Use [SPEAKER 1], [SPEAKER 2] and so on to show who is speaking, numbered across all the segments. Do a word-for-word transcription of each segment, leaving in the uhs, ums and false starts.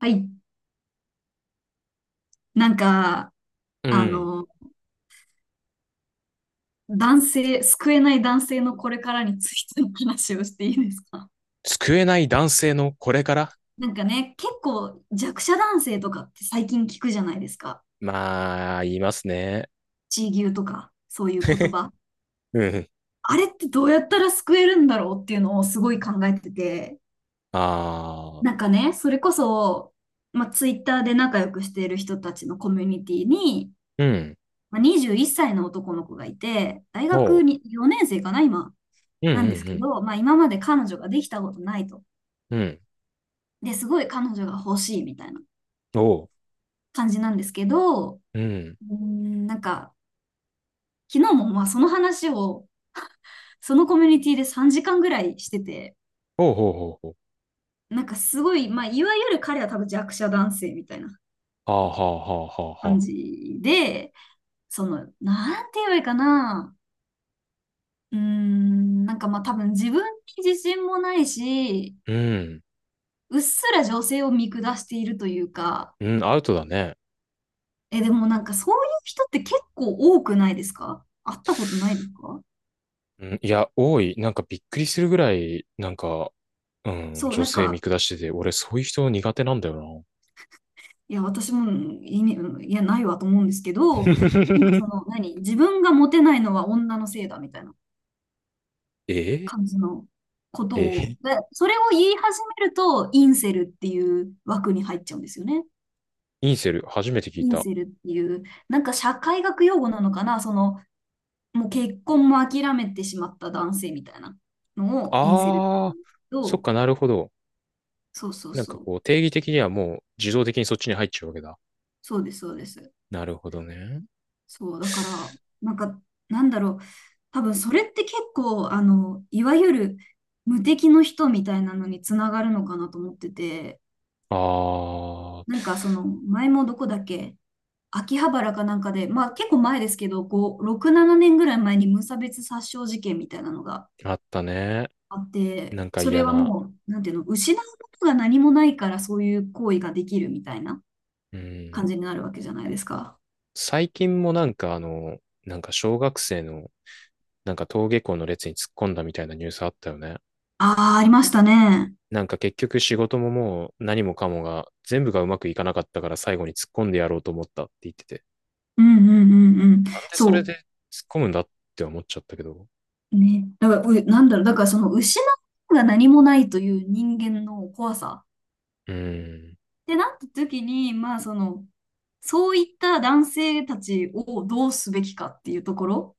[SPEAKER 1] はい。なんか、
[SPEAKER 2] う
[SPEAKER 1] あ
[SPEAKER 2] ん。
[SPEAKER 1] の、男性、救えない男性のこれからについての話をしていいですか？
[SPEAKER 2] 救えない男性のこれから。
[SPEAKER 1] なんかね、結構弱者男性とかって最近聞くじゃないですか。
[SPEAKER 2] まあ、言いますね。
[SPEAKER 1] 地位牛とか、そういう言 葉。
[SPEAKER 2] うん。
[SPEAKER 1] あれってどうやったら救えるんだろうっていうのをすごい考えてて、
[SPEAKER 2] ああ、
[SPEAKER 1] なんかね、それこそ、まあ、ツイッターで仲良くしている人たちのコミュニティに、
[SPEAKER 2] うん。
[SPEAKER 1] まあ、にじゅういっさいの男の子がいて、大
[SPEAKER 2] お
[SPEAKER 1] 学
[SPEAKER 2] う。
[SPEAKER 1] によねん生かな、今。
[SPEAKER 2] うん
[SPEAKER 1] なんです
[SPEAKER 2] う
[SPEAKER 1] け
[SPEAKER 2] ん
[SPEAKER 1] ど、まあ、今まで彼女ができたことないと。
[SPEAKER 2] うん。うん。
[SPEAKER 1] で、すごい彼女が欲しいみたいな
[SPEAKER 2] おう。
[SPEAKER 1] 感じなんですけど、う
[SPEAKER 2] うん。
[SPEAKER 1] ーん、なんか、昨日もまあその話を、そのコミュニティでさんじかんぐらいしてて、
[SPEAKER 2] おうほうほうほう。
[SPEAKER 1] なんかすごい、まあ、いわゆる彼は多分弱者男性みたいな
[SPEAKER 2] はあはあはあはあ
[SPEAKER 1] 感
[SPEAKER 2] はあ。
[SPEAKER 1] じで、その、なんて言えばいいかな、うーん、なんかまあ多分自分に自信もないし、
[SPEAKER 2] うん。
[SPEAKER 1] うっすら女性を見下しているというか。
[SPEAKER 2] うん、アウトだね。
[SPEAKER 1] え、でもなんかそういう人って結構多くないですか？会ったことないですか？
[SPEAKER 2] うん、いや、多い。なんかびっくりするぐらい、なんか、うん、
[SPEAKER 1] そう、
[SPEAKER 2] 女
[SPEAKER 1] なん
[SPEAKER 2] 性見
[SPEAKER 1] か、
[SPEAKER 2] 下してて、俺そういう人苦手なんだよな。
[SPEAKER 1] いや、私も、いねいや、ないわと思うんですけど、なんかそ の、何自分がモテないのは女のせいだみたいな
[SPEAKER 2] え
[SPEAKER 1] 感じのことを、
[SPEAKER 2] ええ。
[SPEAKER 1] で、それを言い始めると、インセルっていう枠に入っちゃうんですよね。
[SPEAKER 2] インセル、初めて聞い
[SPEAKER 1] イン
[SPEAKER 2] た。
[SPEAKER 1] セルっていう、なんか社会学用語なのかな、その、もう結婚も諦めてしまった男性みたいなのをインセルって言
[SPEAKER 2] あ
[SPEAKER 1] う
[SPEAKER 2] あ、
[SPEAKER 1] んですけ
[SPEAKER 2] そっ
[SPEAKER 1] ど、
[SPEAKER 2] かなるほど。
[SPEAKER 1] そうそう
[SPEAKER 2] なん
[SPEAKER 1] そ
[SPEAKER 2] か
[SPEAKER 1] う。
[SPEAKER 2] こう、定義的にはもう自動的にそっちに入っちゃうわけだ。
[SPEAKER 1] そうです、そうです。
[SPEAKER 2] なるほどね。
[SPEAKER 1] そう、だから、なんか、なんだろう。多分、それって結構、あの、いわゆる無敵の人みたいなのにつながるのかなと思ってて、な
[SPEAKER 2] あ
[SPEAKER 1] んか、その、前もどこだっけ、秋葉原かなんかで、まあ、結構前ですけど、こう、ろく、しちねんぐらい前に無差別殺傷事件みたいなのが
[SPEAKER 2] あ、あったね。
[SPEAKER 1] あって、
[SPEAKER 2] なんか
[SPEAKER 1] それ
[SPEAKER 2] 嫌
[SPEAKER 1] は
[SPEAKER 2] な。
[SPEAKER 1] もう、なんていうの、失うことが何もないから、そういう行為ができるみたいな
[SPEAKER 2] う
[SPEAKER 1] 感
[SPEAKER 2] ん。
[SPEAKER 1] じになるわけじゃないですか。
[SPEAKER 2] 最近もなんかあの、なんか小学生の、なんか登下校の列に突っ込んだみたいなニュースあったよね。
[SPEAKER 1] ああ、ありましたね。
[SPEAKER 2] なんか結局仕事ももう何もかもが全部がうまくいかなかったから最後に突っ込んでやろうと思ったって言ってて。
[SPEAKER 1] うんうんうんうん。
[SPEAKER 2] なんでそれ
[SPEAKER 1] そ
[SPEAKER 2] で突っ込むんだって思っちゃったけど。
[SPEAKER 1] う。ね。だから、う、なんだろう。だからその失うが何もないという人間の怖さ。
[SPEAKER 2] うん。
[SPEAKER 1] で、なった時に、まあその、そういった男性たちをどうすべきかっていうところ。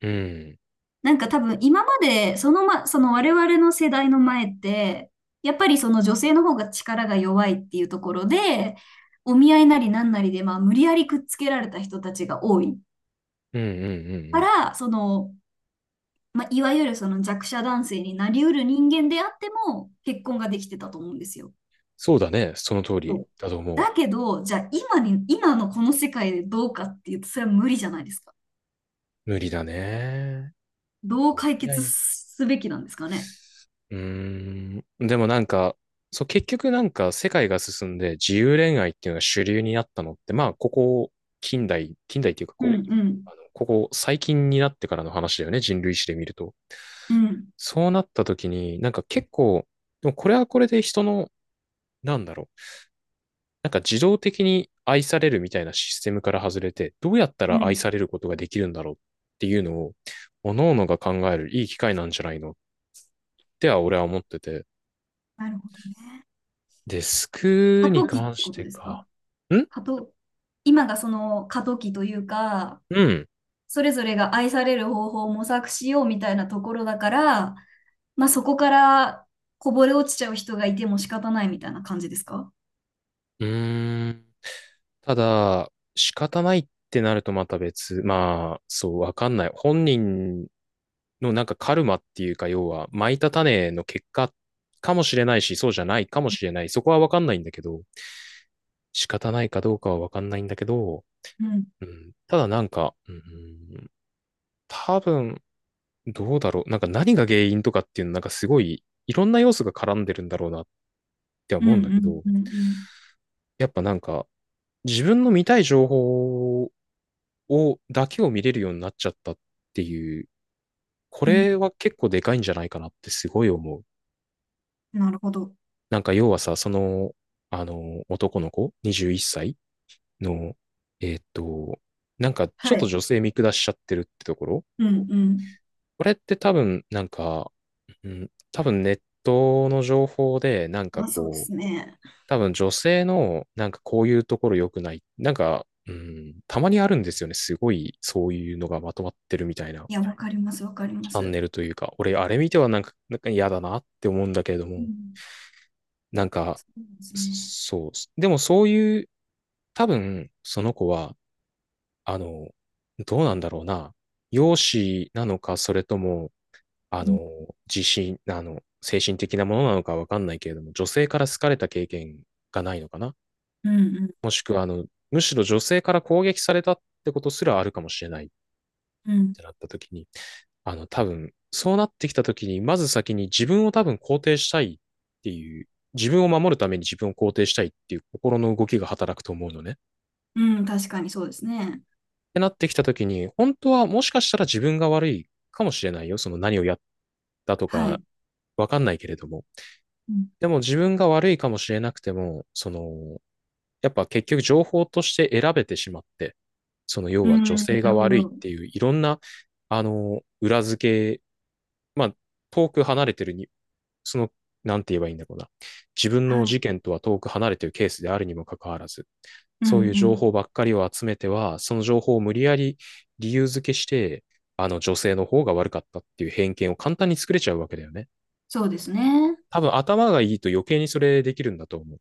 [SPEAKER 2] うん。
[SPEAKER 1] なんか多分今まで、そのま、その我々の世代の前って、やっぱりその女性の方が力が弱いっていうところで、お見合いなりなんなりで、まあ無理やりくっつけられた人たちが多い
[SPEAKER 2] うんうんうんう
[SPEAKER 1] か
[SPEAKER 2] ん。
[SPEAKER 1] ら、その、まあ、いわゆるその弱者男性になりうる人間であっても結婚ができてたと思うんですよ。
[SPEAKER 2] そうだね。その通
[SPEAKER 1] そ
[SPEAKER 2] り
[SPEAKER 1] う
[SPEAKER 2] だと思う。
[SPEAKER 1] だけど、じゃあ今に、今のこの世界でどうかっていうと、それは無理じゃないですか。
[SPEAKER 2] 無理だね。
[SPEAKER 1] どう
[SPEAKER 2] い
[SPEAKER 1] 解
[SPEAKER 2] や
[SPEAKER 1] 決
[SPEAKER 2] い。
[SPEAKER 1] すべきなんですかね。
[SPEAKER 2] うーん。でもなんか、そう、結局なんか世界が進んで自由恋愛っていうのが主流になったのって、まあ、ここ、近代、近代っていうか
[SPEAKER 1] うん
[SPEAKER 2] こ
[SPEAKER 1] う
[SPEAKER 2] う、
[SPEAKER 1] ん。
[SPEAKER 2] あの、ここ最近になってからの話だよね。人類史で見ると。
[SPEAKER 1] うん
[SPEAKER 2] そうなった時に、なんか結構、でもこれはこれで人の、なんだろう。なんか自動的に愛されるみたいなシステムから外れて、どうやった
[SPEAKER 1] う
[SPEAKER 2] ら愛
[SPEAKER 1] ん。
[SPEAKER 2] されることができるんだろうっていうのを、各々が考えるいい機会なんじゃないのっては俺は思ってて。
[SPEAKER 1] なるほどね。
[SPEAKER 2] デスク
[SPEAKER 1] 過
[SPEAKER 2] に
[SPEAKER 1] 渡期っ
[SPEAKER 2] 関
[SPEAKER 1] て
[SPEAKER 2] し
[SPEAKER 1] こと
[SPEAKER 2] て
[SPEAKER 1] です
[SPEAKER 2] か。
[SPEAKER 1] か？
[SPEAKER 2] ん
[SPEAKER 1] 過渡、今がその過渡期というか、
[SPEAKER 2] うん。
[SPEAKER 1] それぞれが愛される方法を模索しようみたいなところだから、まあ、そこからこぼれ落ちちゃう人がいても仕方ないみたいな感じですか？
[SPEAKER 2] うーん。ただ、仕方ないってなるとまた別。まあ、そう、わかんない。本人のなんかカルマっていうか、要は、蒔いた種の結果かもしれないし、そうじゃないかもしれない。そこはわかんないんだけど、仕方ないかどうかはわかんないんだけど、
[SPEAKER 1] うん。
[SPEAKER 2] うん、ただなんか、うん、多分、どうだろう。なんか何が原因とかっていうの、なんかすごい、いろんな要素が絡んでるんだろうなって
[SPEAKER 1] うん
[SPEAKER 2] 思うんだ
[SPEAKER 1] う
[SPEAKER 2] け
[SPEAKER 1] ん
[SPEAKER 2] ど、
[SPEAKER 1] うんう
[SPEAKER 2] やっぱなんか、自分の見たい情報を、だけを見れるようになっちゃったっていう、こ
[SPEAKER 1] ん
[SPEAKER 2] れは結構でかいんじゃないかなってすごい思う。
[SPEAKER 1] うん。なるほど。
[SPEAKER 2] なんか要はさ、その、あの、男の子、にじゅういっさいの、えーっと、なんかちょっ
[SPEAKER 1] は
[SPEAKER 2] と
[SPEAKER 1] い。
[SPEAKER 2] 女性見下しちゃってるってところ。
[SPEAKER 1] うんうん。
[SPEAKER 2] これって多分、なんか、うん、多分ネットの情報で、なんか
[SPEAKER 1] あ、そうで
[SPEAKER 2] こ
[SPEAKER 1] す
[SPEAKER 2] う、
[SPEAKER 1] ね。
[SPEAKER 2] 多分女性の、なんかこういうところ良くない。なんか、うん、たまにあるんですよね。すごい、そういうのがまとまってるみたいな
[SPEAKER 1] いや、わかります、わかりま
[SPEAKER 2] チャン
[SPEAKER 1] す。
[SPEAKER 2] ネルというか、俺、あれ見てはなんか、なんか嫌だなって思うんだけれど
[SPEAKER 1] う
[SPEAKER 2] も、
[SPEAKER 1] ん。
[SPEAKER 2] なんか、
[SPEAKER 1] そうですね。
[SPEAKER 2] そう。でもそういう、多分、その子は、あの、どうなんだろうな。容姿なのか、それとも、あ
[SPEAKER 1] うん
[SPEAKER 2] の、自信、あの、精神的なものなのかわかんないけれども、女性から好かれた経験がないのかな。
[SPEAKER 1] うん
[SPEAKER 2] もしくは、あの、むしろ女性から攻撃されたってことすらあるかもしれないっ
[SPEAKER 1] うんうん。
[SPEAKER 2] てなった時に、あの、多分、そうなってきた時に、まず先に自分を多分肯定したいっていう、自分を守るために自分を肯定したいっていう心の動きが働くと思うのね。っ
[SPEAKER 1] うん、確かにそうですね。
[SPEAKER 2] てなってきた時に、本当はもしかしたら自分が悪いかもしれないよ。その何をやったと
[SPEAKER 1] は
[SPEAKER 2] か、
[SPEAKER 1] い。
[SPEAKER 2] わかんないけれども。
[SPEAKER 1] うん、
[SPEAKER 2] でも自分が悪いかもしれなくても、その、やっぱ結局情報として選べてしまって、その要
[SPEAKER 1] う
[SPEAKER 2] は女
[SPEAKER 1] ん、
[SPEAKER 2] 性
[SPEAKER 1] な
[SPEAKER 2] が
[SPEAKER 1] るほ
[SPEAKER 2] 悪いっ
[SPEAKER 1] ど。
[SPEAKER 2] ていういろんな、あの、裏付け、まあ、遠く離れてるに、その、なんて言えばいいんだろうな。自分の
[SPEAKER 1] はい。
[SPEAKER 2] 事件とは遠く離れてるケースであるにもかかわらず、
[SPEAKER 1] う
[SPEAKER 2] そうい
[SPEAKER 1] ん
[SPEAKER 2] う
[SPEAKER 1] う
[SPEAKER 2] 情報
[SPEAKER 1] ん。
[SPEAKER 2] ばっかりを集めては、その情報を無理やり理由付けして、あの女性の方が悪かったっていう偏見を簡単に作れちゃうわけだよね。
[SPEAKER 1] そうですね。
[SPEAKER 2] 多分頭がいいと余計にそれできるんだと思う。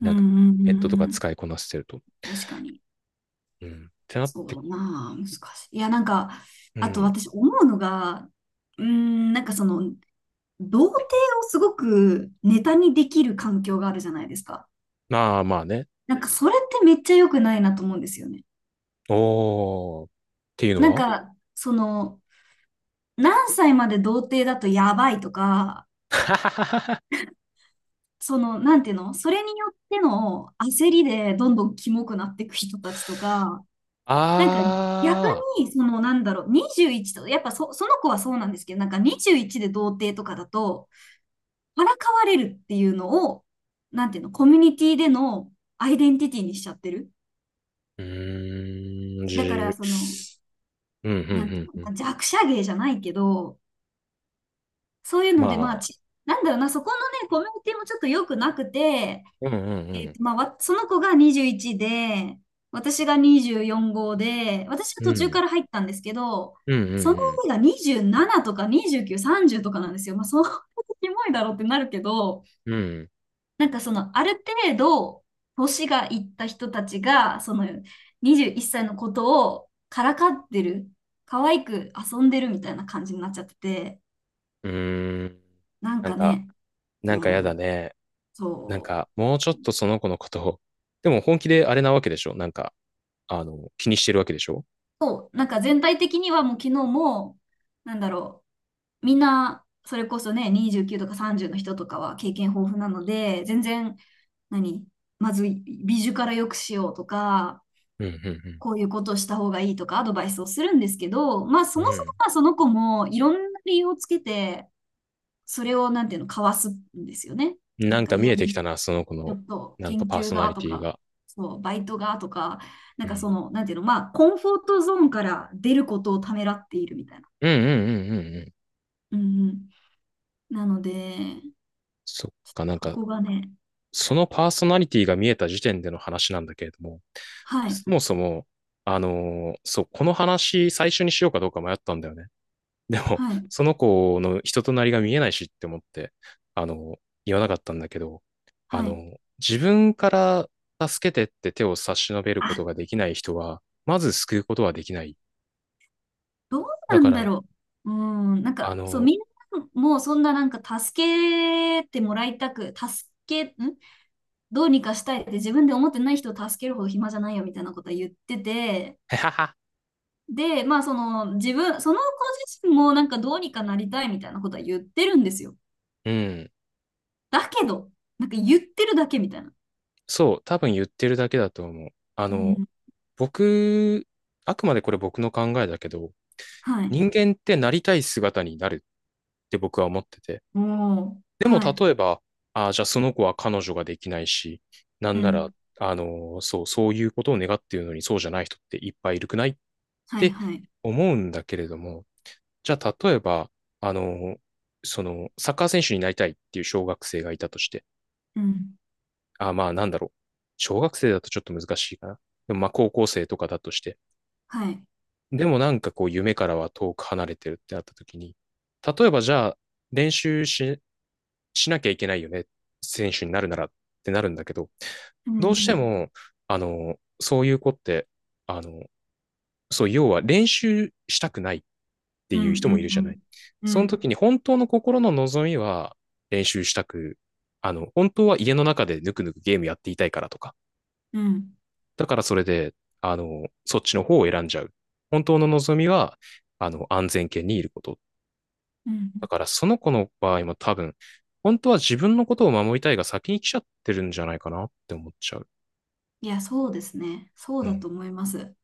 [SPEAKER 1] うん
[SPEAKER 2] な
[SPEAKER 1] う
[SPEAKER 2] んか、
[SPEAKER 1] んう
[SPEAKER 2] ネットと
[SPEAKER 1] ん
[SPEAKER 2] か
[SPEAKER 1] うん。
[SPEAKER 2] 使いこなしてると。
[SPEAKER 1] 確かに。
[SPEAKER 2] うん。ってなっ
[SPEAKER 1] そう
[SPEAKER 2] て、
[SPEAKER 1] だなあ、難しい。いや、なんか、
[SPEAKER 2] う
[SPEAKER 1] あと
[SPEAKER 2] ん。
[SPEAKER 1] 私思うのが、うーん、なんかその、童貞をすごくネタにできる環境があるじゃないですか。
[SPEAKER 2] まあまあね。
[SPEAKER 1] なんかそれってめっちゃ良くないなと思うんですよね。
[SPEAKER 2] おー。っていうの
[SPEAKER 1] なん
[SPEAKER 2] は
[SPEAKER 1] か、その、何歳まで童貞だとやばいとか、その、なんていうの、それによっての焦りでどんどんキモくなっていく人たちとか、なんか逆
[SPEAKER 2] あー。
[SPEAKER 1] に、その、なんだろう、にじゅういちと、やっぱそ、その子はそうなんですけど、なんかにじゅういちで童貞とかだと、からかわれるっていうのを、なんていうの、コミュニティでのアイデンティティにしちゃってる。
[SPEAKER 2] うーん、じ
[SPEAKER 1] だから、
[SPEAKER 2] ゅ、
[SPEAKER 1] その、
[SPEAKER 2] うん、うん、う
[SPEAKER 1] なんてい
[SPEAKER 2] ん、
[SPEAKER 1] うの、
[SPEAKER 2] うん。
[SPEAKER 1] まあ弱者芸じゃないけど、そういう
[SPEAKER 2] ま
[SPEAKER 1] ので、まあ、
[SPEAKER 2] あ、
[SPEAKER 1] ち、なんだろうな、そこのね、コミュニティもちょっと良くなくて、
[SPEAKER 2] うん、うん、う
[SPEAKER 1] えっ
[SPEAKER 2] ん。
[SPEAKER 1] と、まあ、わその子がにじゅういちで、私がにじゅうよん号で、私は
[SPEAKER 2] う
[SPEAKER 1] 途中か
[SPEAKER 2] ん、
[SPEAKER 1] ら入ったんですけど、
[SPEAKER 2] うん、う
[SPEAKER 1] その
[SPEAKER 2] ん、
[SPEAKER 1] 上がにじゅうななとかにじゅうきゅう、さんじゅうとかなんですよ。まあ、そう、キモいだろうってなるけど、
[SPEAKER 2] うん。うん。
[SPEAKER 1] なんかその、ある程度、年がいった人たちが、その、にじゅういっさいのことをからかってる、可愛く遊んでるみたいな感じになっちゃってて、
[SPEAKER 2] うーん。
[SPEAKER 1] なん
[SPEAKER 2] なん
[SPEAKER 1] か
[SPEAKER 2] か、
[SPEAKER 1] ね、
[SPEAKER 2] な
[SPEAKER 1] う
[SPEAKER 2] んかやだ
[SPEAKER 1] ん、
[SPEAKER 2] ね。なん
[SPEAKER 1] そ
[SPEAKER 2] か、
[SPEAKER 1] う、
[SPEAKER 2] もうちょっとその子のことを。でも本気であれなわけでしょ？なんか、あの、気にしてるわけでしょ？
[SPEAKER 1] そう、なんか全体的にはもう昨日も、なんだろう、みんな、それこそね、にじゅうきゅうとかさんじゅうの人とかは経験豊富なので、全然、何まず美術から良くしようとか、
[SPEAKER 2] うん、うん、
[SPEAKER 1] こういうことをした方がいいとかアドバイスをするんですけど、まあ
[SPEAKER 2] う
[SPEAKER 1] そ
[SPEAKER 2] ん。
[SPEAKER 1] も
[SPEAKER 2] う
[SPEAKER 1] そも
[SPEAKER 2] ん。
[SPEAKER 1] まあその子もいろんな理由をつけて、それをなんていうの、かわすんですよね。な
[SPEAKER 2] な
[SPEAKER 1] ん
[SPEAKER 2] ん
[SPEAKER 1] か、
[SPEAKER 2] か
[SPEAKER 1] い
[SPEAKER 2] 見
[SPEAKER 1] や、
[SPEAKER 2] えてきた
[SPEAKER 1] ち
[SPEAKER 2] な、その子
[SPEAKER 1] ょ
[SPEAKER 2] の、
[SPEAKER 1] っと
[SPEAKER 2] なん
[SPEAKER 1] 研
[SPEAKER 2] かパー
[SPEAKER 1] 究
[SPEAKER 2] ソナ
[SPEAKER 1] が
[SPEAKER 2] リ
[SPEAKER 1] と
[SPEAKER 2] ティ
[SPEAKER 1] か、
[SPEAKER 2] が。
[SPEAKER 1] そう、バイトがとか、な
[SPEAKER 2] う
[SPEAKER 1] んか
[SPEAKER 2] ん。
[SPEAKER 1] その、なんていうの、まあコンフォートゾーンから出ることをためらっているみたいな。
[SPEAKER 2] うんうんうんうんうん。
[SPEAKER 1] うんうん。なので、
[SPEAKER 2] そっか、なん
[SPEAKER 1] こ
[SPEAKER 2] か、
[SPEAKER 1] こがね、
[SPEAKER 2] そのパーソナリティが見えた時点での話なんだけれども、
[SPEAKER 1] はい、
[SPEAKER 2] そもそも、あのーそう、この話最初にしようかどうか迷ったんだよね。でも、
[SPEAKER 1] はい、
[SPEAKER 2] その子の人となりが見えないしって思って、あのー言わなかったんだけど、あ
[SPEAKER 1] は
[SPEAKER 2] の
[SPEAKER 1] い。
[SPEAKER 2] ー自分から助けてって手を差し伸べること
[SPEAKER 1] あ、
[SPEAKER 2] ができない人は、まず救うことはできない。
[SPEAKER 1] どう
[SPEAKER 2] だ
[SPEAKER 1] な
[SPEAKER 2] か
[SPEAKER 1] んだ
[SPEAKER 2] ら、
[SPEAKER 1] ろう。うん、なん
[SPEAKER 2] あ
[SPEAKER 1] か、そう、
[SPEAKER 2] の
[SPEAKER 1] みんなもそんななんか助けてもらいたく、助け、んどうにかしたいって自分で思ってない人を助けるほど暇じゃないよみたいなことは言ってて、
[SPEAKER 2] ー、へはは。
[SPEAKER 1] で、まあその自分、その子自身もなんかどうにかなりたいみたいなことは言ってるんですよ。
[SPEAKER 2] うん。
[SPEAKER 1] だけど、なんか言ってるだけみたいな。
[SPEAKER 2] そう、多分言ってるだけだと思う。あ
[SPEAKER 1] う
[SPEAKER 2] の、
[SPEAKER 1] ん、
[SPEAKER 2] 僕、あくまでこれ僕の考えだけど、
[SPEAKER 1] はい。
[SPEAKER 2] 人間ってなりたい姿になるって僕は思ってて。
[SPEAKER 1] おー、
[SPEAKER 2] でも
[SPEAKER 1] はい。
[SPEAKER 2] 例えば、ああ、じゃあその子は彼女ができないし、な
[SPEAKER 1] う
[SPEAKER 2] んな
[SPEAKER 1] ん、
[SPEAKER 2] ら、あの、そう、そういうことを願っているのにそうじゃない人っていっぱいいるくないっ
[SPEAKER 1] はい、
[SPEAKER 2] て
[SPEAKER 1] はい。
[SPEAKER 2] 思うんだけれども、じゃあ例えば、あの、その、サッカー選手になりたいっていう小学生がいたとして、
[SPEAKER 1] うん、
[SPEAKER 2] あ、まあなんだろう。小学生だとちょっと難しいかな。でもまあ高校生とかだとして。
[SPEAKER 1] はい。
[SPEAKER 2] でもなんかこう夢からは遠く離れてるってなった時に、例えばじゃあ練習し、しなきゃいけないよね。選手になるならってなるんだけど、
[SPEAKER 1] うん、う
[SPEAKER 2] どうして
[SPEAKER 1] ん、
[SPEAKER 2] も、あの、そういう子って、あの、そう、要は練習したくないって
[SPEAKER 1] うん、
[SPEAKER 2] いう
[SPEAKER 1] う
[SPEAKER 2] 人もいるじゃない。
[SPEAKER 1] ん、うん、
[SPEAKER 2] そ
[SPEAKER 1] う
[SPEAKER 2] の
[SPEAKER 1] ん。
[SPEAKER 2] 時に本当の心の望みは練習したく、あの、本当は家の中でぬくぬくゲームやっていたいからとか、
[SPEAKER 1] うん
[SPEAKER 2] だからそれで、あの、そっちの方を選んじゃう。本当の望みは、あの、安全圏にいること。
[SPEAKER 1] うん、
[SPEAKER 2] だからその子の場合も多分、本当は自分のことを守りたいが先に来ちゃってるんじゃないかなって思っちゃう。
[SPEAKER 1] いや、そうですね。そう
[SPEAKER 2] う
[SPEAKER 1] だ
[SPEAKER 2] ん。
[SPEAKER 1] と思います。